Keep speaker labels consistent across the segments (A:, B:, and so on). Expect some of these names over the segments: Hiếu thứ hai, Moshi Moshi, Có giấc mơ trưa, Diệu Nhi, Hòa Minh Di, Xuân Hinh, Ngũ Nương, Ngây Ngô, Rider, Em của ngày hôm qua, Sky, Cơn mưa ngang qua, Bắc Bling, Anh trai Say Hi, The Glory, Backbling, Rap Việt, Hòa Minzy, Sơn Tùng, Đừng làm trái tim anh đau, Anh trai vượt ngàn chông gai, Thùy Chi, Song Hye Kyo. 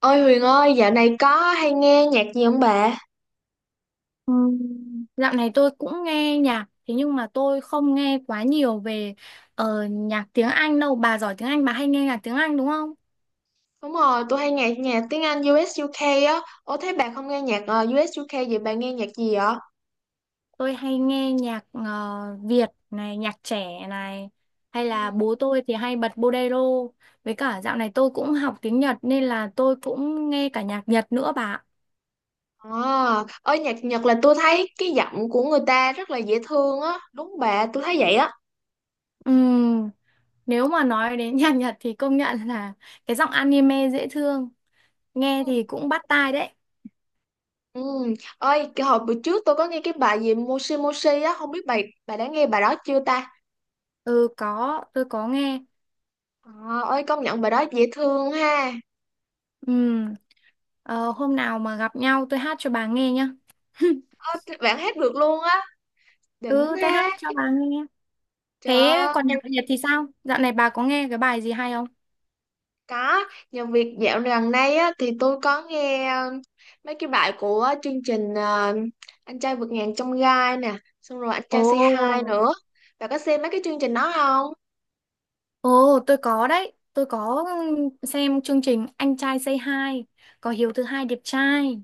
A: Ôi Huyền ơi, dạo này có hay nghe nhạc gì không bà?
B: Ừm, Dạo này tôi cũng nghe nhạc, thế nhưng mà tôi không nghe quá nhiều về nhạc tiếng Anh đâu. Bà giỏi tiếng Anh, bà hay nghe nhạc tiếng Anh đúng không?
A: Đúng rồi, tôi hay nghe nhạc tiếng Anh U.S. UK á. Ủa thế bà không nghe nhạc u UK vậy bà nghe nhạc gì vậy?
B: Tôi hay nghe nhạc Việt này, nhạc trẻ này, hay
A: Ừ.
B: là bố tôi thì hay bật bolero. Với cả dạo này tôi cũng học tiếng Nhật nên là tôi cũng nghe cả nhạc Nhật nữa bà ạ.
A: À, ơi nhạc Nhật là tôi thấy cái giọng của người ta rất là dễ thương á. Đúng bà, tôi thấy vậy á.
B: Ừm, nếu mà nói đến nhạc Nhật thì công nhận là cái giọng anime dễ thương, nghe
A: Ừ.
B: thì cũng bắt tai đấy.
A: Ừ. Ơi, cái hồi bữa trước tôi có nghe cái bài gì Moshi Moshi á, không biết bà đã nghe bài đó chưa ta?
B: Ừ có, tôi có nghe.
A: À, ơi công nhận bài đó dễ thương ha.
B: Ừm, hôm nào mà gặp nhau tôi hát cho bà nghe nhá.
A: Ơ, bạn hát được luôn á, đỉnh
B: Ừ, tôi hát
A: ha.
B: cho bà nghe. Thế còn
A: Trời.
B: nhạc Việt thì sao? Dạo này bà có nghe cái bài gì hay không?
A: Có, nhờ việc dạo gần đây á, thì tôi có nghe mấy cái bài của chương trình Anh trai vượt ngàn chông gai nè, xong rồi Anh trai Say Hi
B: Ồ,
A: nữa. Bà có xem mấy cái chương trình đó không?
B: ồ, tôi có đấy. Tôi có xem chương trình Anh trai Say Hi, có Hiếu thứ hai đẹp trai.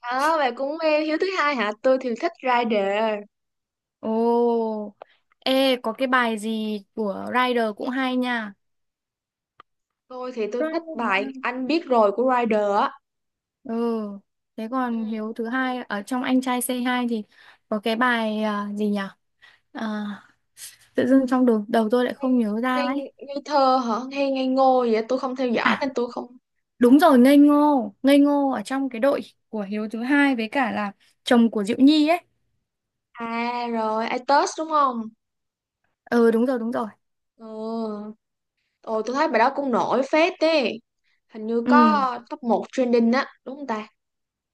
A: Ờ, bà cũng nghe Hiếu thứ hai hả? Tôi thì thích Rider.
B: Ồ, ê, có cái bài gì của Rider cũng hay nha.
A: Tôi thì tôi thích bài
B: Rider.
A: Anh biết rồi của Rider á.
B: Ừ, thế còn
A: Ừ.
B: Hiếu thứ hai ở trong Anh trai Say Hi thì có cái bài gì nhỉ? À, tự dưng trong đầu, tôi lại không
A: Ngây,
B: nhớ ra ấy.
A: ngây, ngây thơ hả? Ngây ngô vậy? Tôi không theo dõi
B: À,
A: nên tôi không...
B: đúng rồi, Ngây Ngô. Ngây Ngô ở trong cái đội của Hiếu thứ hai với cả là chồng của Diệu Nhi ấy.
A: À rồi, i test đúng không?
B: Ừ, đúng rồi, đúng rồi.
A: Ừ. Ồ, tôi thấy bài đó cũng nổi phết đấy. Hình như
B: Ừ,
A: có top một trending á, đúng không ta?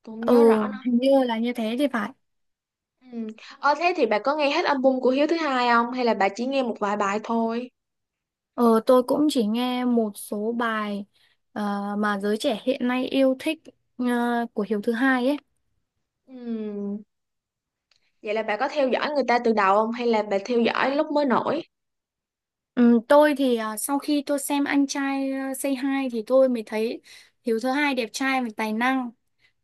A: Tôi không nhớ
B: ừ,
A: rõ nữa.
B: hình như là như thế thì phải.
A: Ừ. Thế thì bà có nghe hết album của Hiếu thứ hai không, hay là bà chỉ nghe một vài bài thôi?
B: Ờ tôi cũng chỉ nghe một số bài mà giới trẻ hiện nay yêu thích ờ, của Hiếu thứ hai ấy.
A: Ừ. Vậy là bà có theo dõi người ta từ đầu không, hay là bà theo dõi lúc mới nổi?
B: Ừ, tôi thì sau khi tôi xem Anh trai Say Hi thì tôi mới thấy Hiếu thứ hai đẹp trai và tài năng.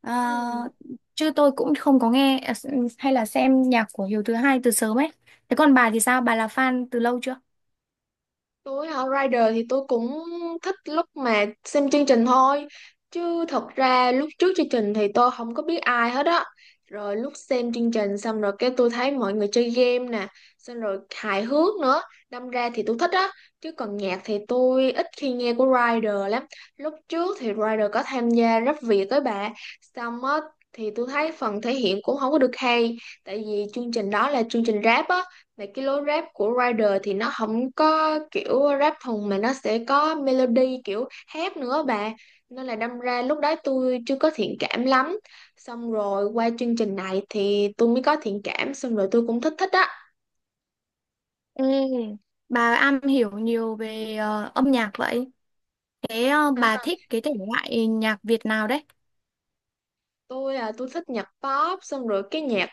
B: Ờ,
A: Ừ.
B: chứ tôi cũng không có nghe hay là xem nhạc của Hiếu thứ hai từ sớm ấy. Thế còn bà thì sao? Bà là fan từ lâu chưa?
A: Tôi hả? Rider thì tôi cũng thích lúc mà xem chương trình thôi, chứ thật ra lúc trước chương trình thì tôi không có biết ai hết á. Rồi lúc xem chương trình xong rồi, cái tôi thấy mọi người chơi game nè, xong rồi hài hước nữa, đâm ra thì tôi thích á. Chứ còn nhạc thì tôi ít khi nghe của Rider lắm. Lúc trước thì Rider có tham gia rap Việt với bà, xong á thì tôi thấy phần thể hiện cũng không có được hay, tại vì chương trình đó là chương trình rap á. Và cái lối rap của Rider thì nó không có kiểu rap thùng, mà nó sẽ có melody kiểu hát nữa bà. Nên là đâm ra lúc đó tôi chưa có thiện cảm lắm. Xong rồi qua chương trình này thì tôi mới có thiện cảm, xong rồi tôi cũng thích thích á.
B: Ê, bà am hiểu nhiều về âm nhạc vậy. Thế bà thích cái thể loại nhạc Việt nào đấy?
A: Tôi là tôi thích nhạc pop, xong rồi cái nhạc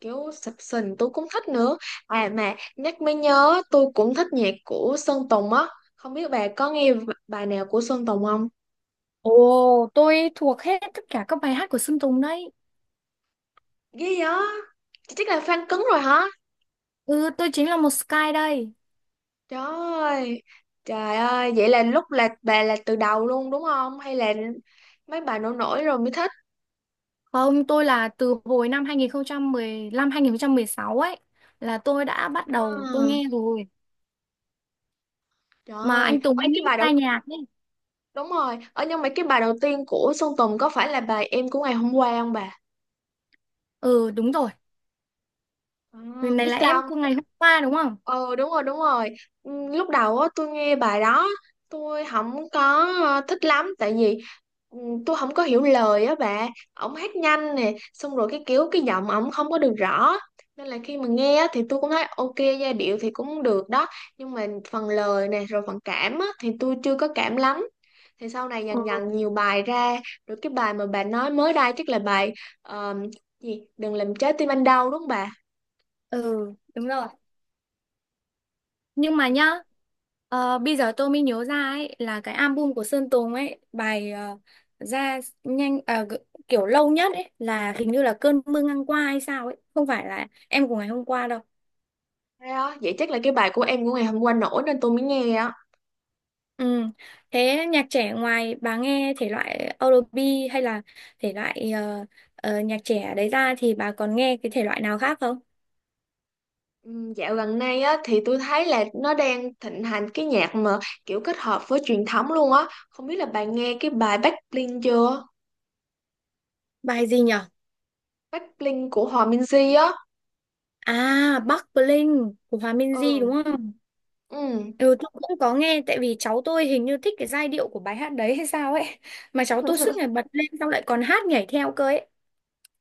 A: kiểu sập sình tôi cũng thích nữa. À mà nhắc mới nhớ tôi cũng thích nhạc của Sơn Tùng á. Không biết bà có nghe bài nào của Sơn Tùng không?
B: Ồ, tôi thuộc hết tất cả các bài hát của Sơn Tùng đấy.
A: Ghê vậy? Chắc là fan cứng rồi hả?
B: Ừ, tôi chính là một Sky đây.
A: Trời ơi, trời ơi, vậy là lúc là bà là từ đầu luôn đúng không? Hay là mấy bà nổi nổi rồi mới thích?
B: Không, tôi là từ hồi năm 2015 sáu ấy là tôi đã bắt
A: À,
B: đầu tôi nghe rồi.
A: trời
B: Mà
A: ơi,
B: anh Tùng
A: ở
B: anh
A: cái
B: ấy
A: bài đầu
B: tai nhạc ấy.
A: đúng rồi, nhưng mà cái bài đầu tiên của Sơn Tùng có phải là bài Em của ngày hôm qua không bà?
B: Ừ, đúng rồi.
A: À,
B: Người này
A: biết
B: là em
A: sao.
B: của ngày hôm qua đúng không?
A: Ờ, đúng rồi, đúng rồi. Ừ, lúc đầu á tôi nghe bài đó, tôi không có thích lắm, tại vì ừ, tôi không có hiểu lời á bà. Ổng hát nhanh nè, xong rồi cái kiểu cái giọng ổng không có được rõ, nên là khi mà nghe á, thì tôi cũng thấy ok, giai điệu thì cũng được đó, nhưng mà phần lời nè rồi phần cảm á, thì tôi chưa có cảm lắm. Thì sau này
B: Ừ.
A: dần dần nhiều bài ra, rồi cái bài mà bà nói mới đây chắc là bài ờ, gì đừng làm trái tim anh đau đúng không bà?
B: Ừ, đúng rồi. Nhưng mà nhá, bây giờ tôi mới nhớ ra ấy là cái album của Sơn Tùng ấy, bài ra nhanh kiểu lâu nhất ấy là hình như là Cơn mưa ngang qua hay sao ấy, không phải là em của ngày hôm qua đâu.
A: Thế á, vậy chắc là cái bài của em của ngày hôm qua nổi nên tôi mới nghe á.
B: Ừ. Thế nhạc trẻ ngoài bà nghe thể loại R&B hay là thể loại nhạc trẻ đấy ra thì bà còn nghe cái thể loại nào khác không?
A: Dạo gần đây á thì tôi thấy là nó đang thịnh hành cái nhạc mà kiểu kết hợp với truyền thống luôn á. Không biết là bạn nghe cái bài Backbling chưa?
B: Bài gì nhở?
A: Backbling của Hòa Minzy á.
B: À, Bắc Bling của Hòa Minzy
A: Ừ.
B: đúng không?
A: Ừ.
B: Ừ, tôi cũng có nghe tại vì cháu tôi hình như thích cái giai điệu của bài hát đấy hay sao ấy mà cháu tôi suốt ngày bật lên xong lại còn hát nhảy theo cơ ấy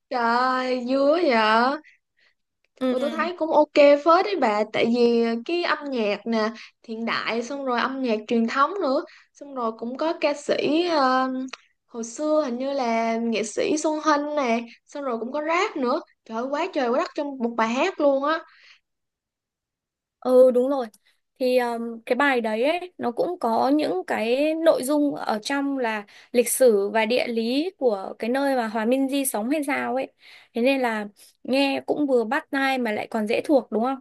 A: Trời ơi, vui vậy. Ừ, tôi
B: ừ,
A: thấy cũng ok phết đấy bà, tại vì cái âm nhạc nè hiện đại, xong rồi âm nhạc truyền thống nữa, xong rồi cũng có ca sĩ hồi xưa, hình như là nghệ sĩ Xuân Hinh nè, xong rồi cũng có rap nữa, trời ơi quá trời quá đất trong một bài hát luôn á.
B: ừ đúng rồi thì cái bài đấy ấy nó cũng có những cái nội dung ở trong là lịch sử và địa lý của cái nơi mà Hòa Minzy sống hay sao ấy thế nên là nghe cũng vừa bắt tai mà lại còn dễ thuộc đúng không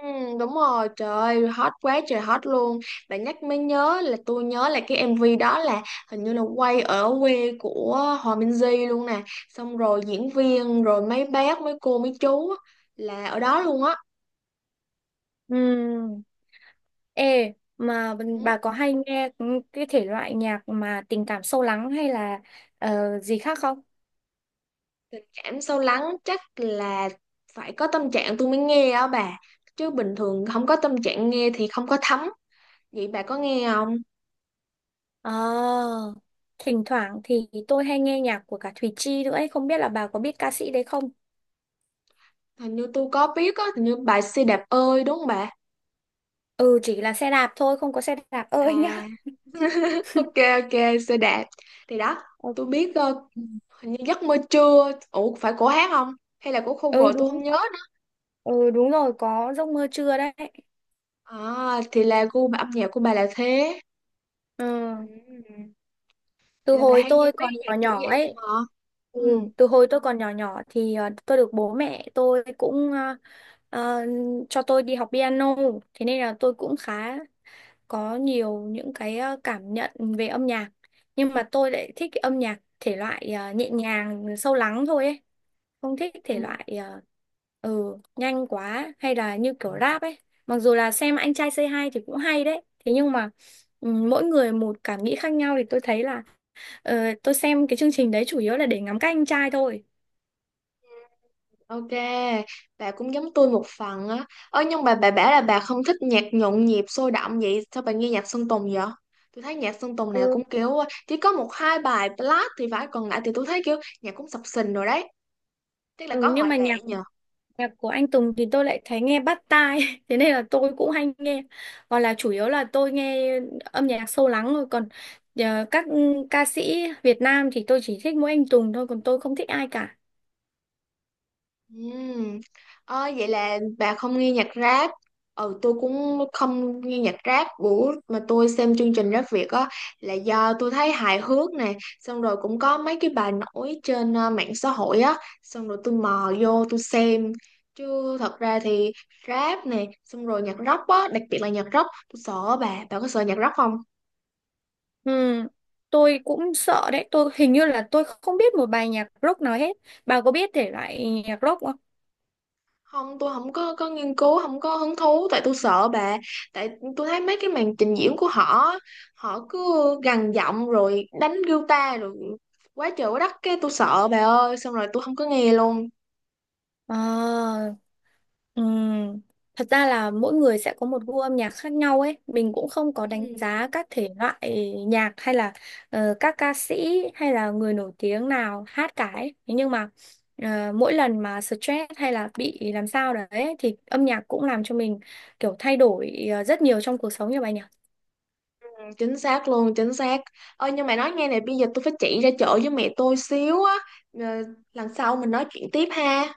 A: ừ, Đúng rồi, trời ơi, hot quá trời hot luôn. Bạn nhắc mới nhớ là tôi nhớ là cái MV đó là hình như là quay ở quê của Hòa Minh Di luôn nè, xong rồi diễn viên rồi mấy bác mấy cô mấy chú á, là ở đó luôn á.
B: ừ. Ê, mà
A: Ừ.
B: bà có hay nghe cái thể loại nhạc mà tình cảm sâu lắng hay là gì khác không?
A: Tình cảm sâu lắng chắc là phải có tâm trạng tôi mới nghe á bà. Chứ bình thường không có tâm trạng nghe thì không có thấm. Vậy bà có nghe không?
B: Ờ, thỉnh thoảng thì tôi hay nghe nhạc của cả Thùy Chi nữa ấy, không biết là bà có biết ca sĩ đấy không?
A: Hình như tôi có biết á, hình như bài xe đạp ơi đúng không bà?
B: Ừ, chỉ là xe đạp thôi, không có xe đạp ơi nhá.
A: À, ok, ok, xe đạp. Thì đó
B: Ừ,
A: tôi biết hình như giấc mơ trưa. Ủa phải của hát không? Hay là của
B: Ừ,
A: cover tôi không
B: đúng,
A: nhớ nữa.
B: ừ, đúng rồi, có giấc mơ trưa đấy.
A: À thì là gu âm nhạc của bà là thế.
B: Ừ.
A: Ừ.
B: Từ
A: Vậy là bà
B: hồi
A: hay nghe
B: tôi
A: mấy
B: còn
A: nhạc
B: nhỏ
A: kiểu
B: nhỏ
A: vậy á
B: ấy,
A: hả?
B: ừ,
A: Ừ.
B: từ hồi tôi còn nhỏ nhỏ thì tôi được bố mẹ tôi cũng ờ, cho tôi đi học piano thế nên là tôi cũng khá có nhiều những cái cảm nhận về âm nhạc nhưng mà tôi lại thích cái âm nhạc thể loại nhẹ nhàng sâu lắng thôi ấy không thích thể
A: Ừ.
B: loại nhanh quá hay là như kiểu rap ấy mặc dù là xem anh trai Say Hi thì cũng hay đấy thế nhưng mà ừ, mỗi người một cảm nghĩ khác nhau thì tôi thấy là Ờ, tôi xem cái chương trình đấy chủ yếu là để ngắm các anh trai thôi.
A: Ok, bà cũng giống tôi một phần á. Ơ nhưng mà bà bảo là bà không thích nhạc nhộn nhịp sôi động vậy, sao bà nghe nhạc Sơn Tùng vậy? Tôi thấy nhạc Sơn Tùng nào
B: Ừ.
A: cũng kiểu chỉ có một hai bài ballad thì phải, còn lại thì tôi thấy kiểu nhạc cũng sập sình rồi đấy. Tức là
B: Ừ,
A: có
B: nhưng
A: ngoại
B: mà
A: lệ nhỉ?
B: nhạc của anh Tùng thì tôi lại thấy nghe bắt tai, thế nên là tôi cũng hay nghe. Còn là chủ yếu là tôi nghe âm nhạc sâu lắng thôi. Còn các ca sĩ Việt Nam thì tôi chỉ thích mỗi anh Tùng thôi, còn tôi không thích ai cả.
A: Ừm. Ờ, vậy là bà không nghe nhạc rap. Ừ, tôi cũng không nghe nhạc rap. Bữa mà tôi xem chương trình Rap Việt á là do tôi thấy hài hước nè, xong rồi cũng có mấy cái bài nổi trên mạng xã hội á, xong rồi tôi mò vô tôi xem. Chứ thật ra thì rap nè xong rồi nhạc rock á, đặc biệt là nhạc rock tôi sợ bà. Bà có sợ nhạc rock không?
B: Ừ, tôi cũng sợ đấy. Tôi hình như là tôi không biết một bài nhạc rock nào hết. Bà có biết thể loại nhạc rock không?
A: Không, tôi không có nghiên cứu, không có hứng thú tại tôi sợ bà. Tại tôi thấy mấy cái màn trình diễn của họ họ cứ gằn giọng rồi đánh guitar rồi quá trời quá đất, cái tôi sợ bà ơi, xong rồi tôi không có nghe luôn.
B: Ờ. Ừm, Thật ra là mỗi người sẽ có một gu âm nhạc khác nhau ấy. Mình cũng không có đánh giá các thể loại nhạc hay là các ca sĩ hay là người nổi tiếng nào hát cả ấy. Thế nhưng mà mỗi lần mà stress hay là bị làm sao đấy thì âm nhạc cũng làm cho mình kiểu thay đổi rất nhiều trong cuộc sống như bà nhỉ.
A: Ừ, chính xác luôn chính xác. Ơi nhưng mà nói nghe này, bây giờ tôi phải chạy ra chợ với mẹ tôi xíu á. Ờ, lần sau mình nói chuyện tiếp ha.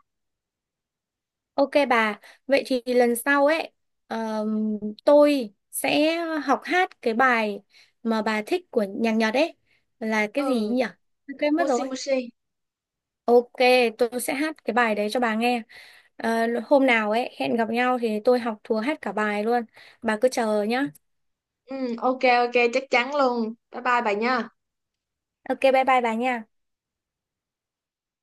B: Ok bà, vậy thì lần sau ấy ờm, tôi sẽ học hát cái bài mà bà thích của nhạc Nhật ấy là cái gì
A: Ừ,
B: nhỉ? Quên mất
A: moshi
B: rồi.
A: moshi.
B: Ok, tôi sẽ hát cái bài đấy cho bà nghe. Ờ, hôm nào ấy hẹn gặp nhau thì tôi học thuộc hát cả bài luôn. Bà cứ chờ nhá.
A: Ừ, ok, ok, chắc chắn luôn, bye bye bà nha.
B: Ok, bye bye bà nha.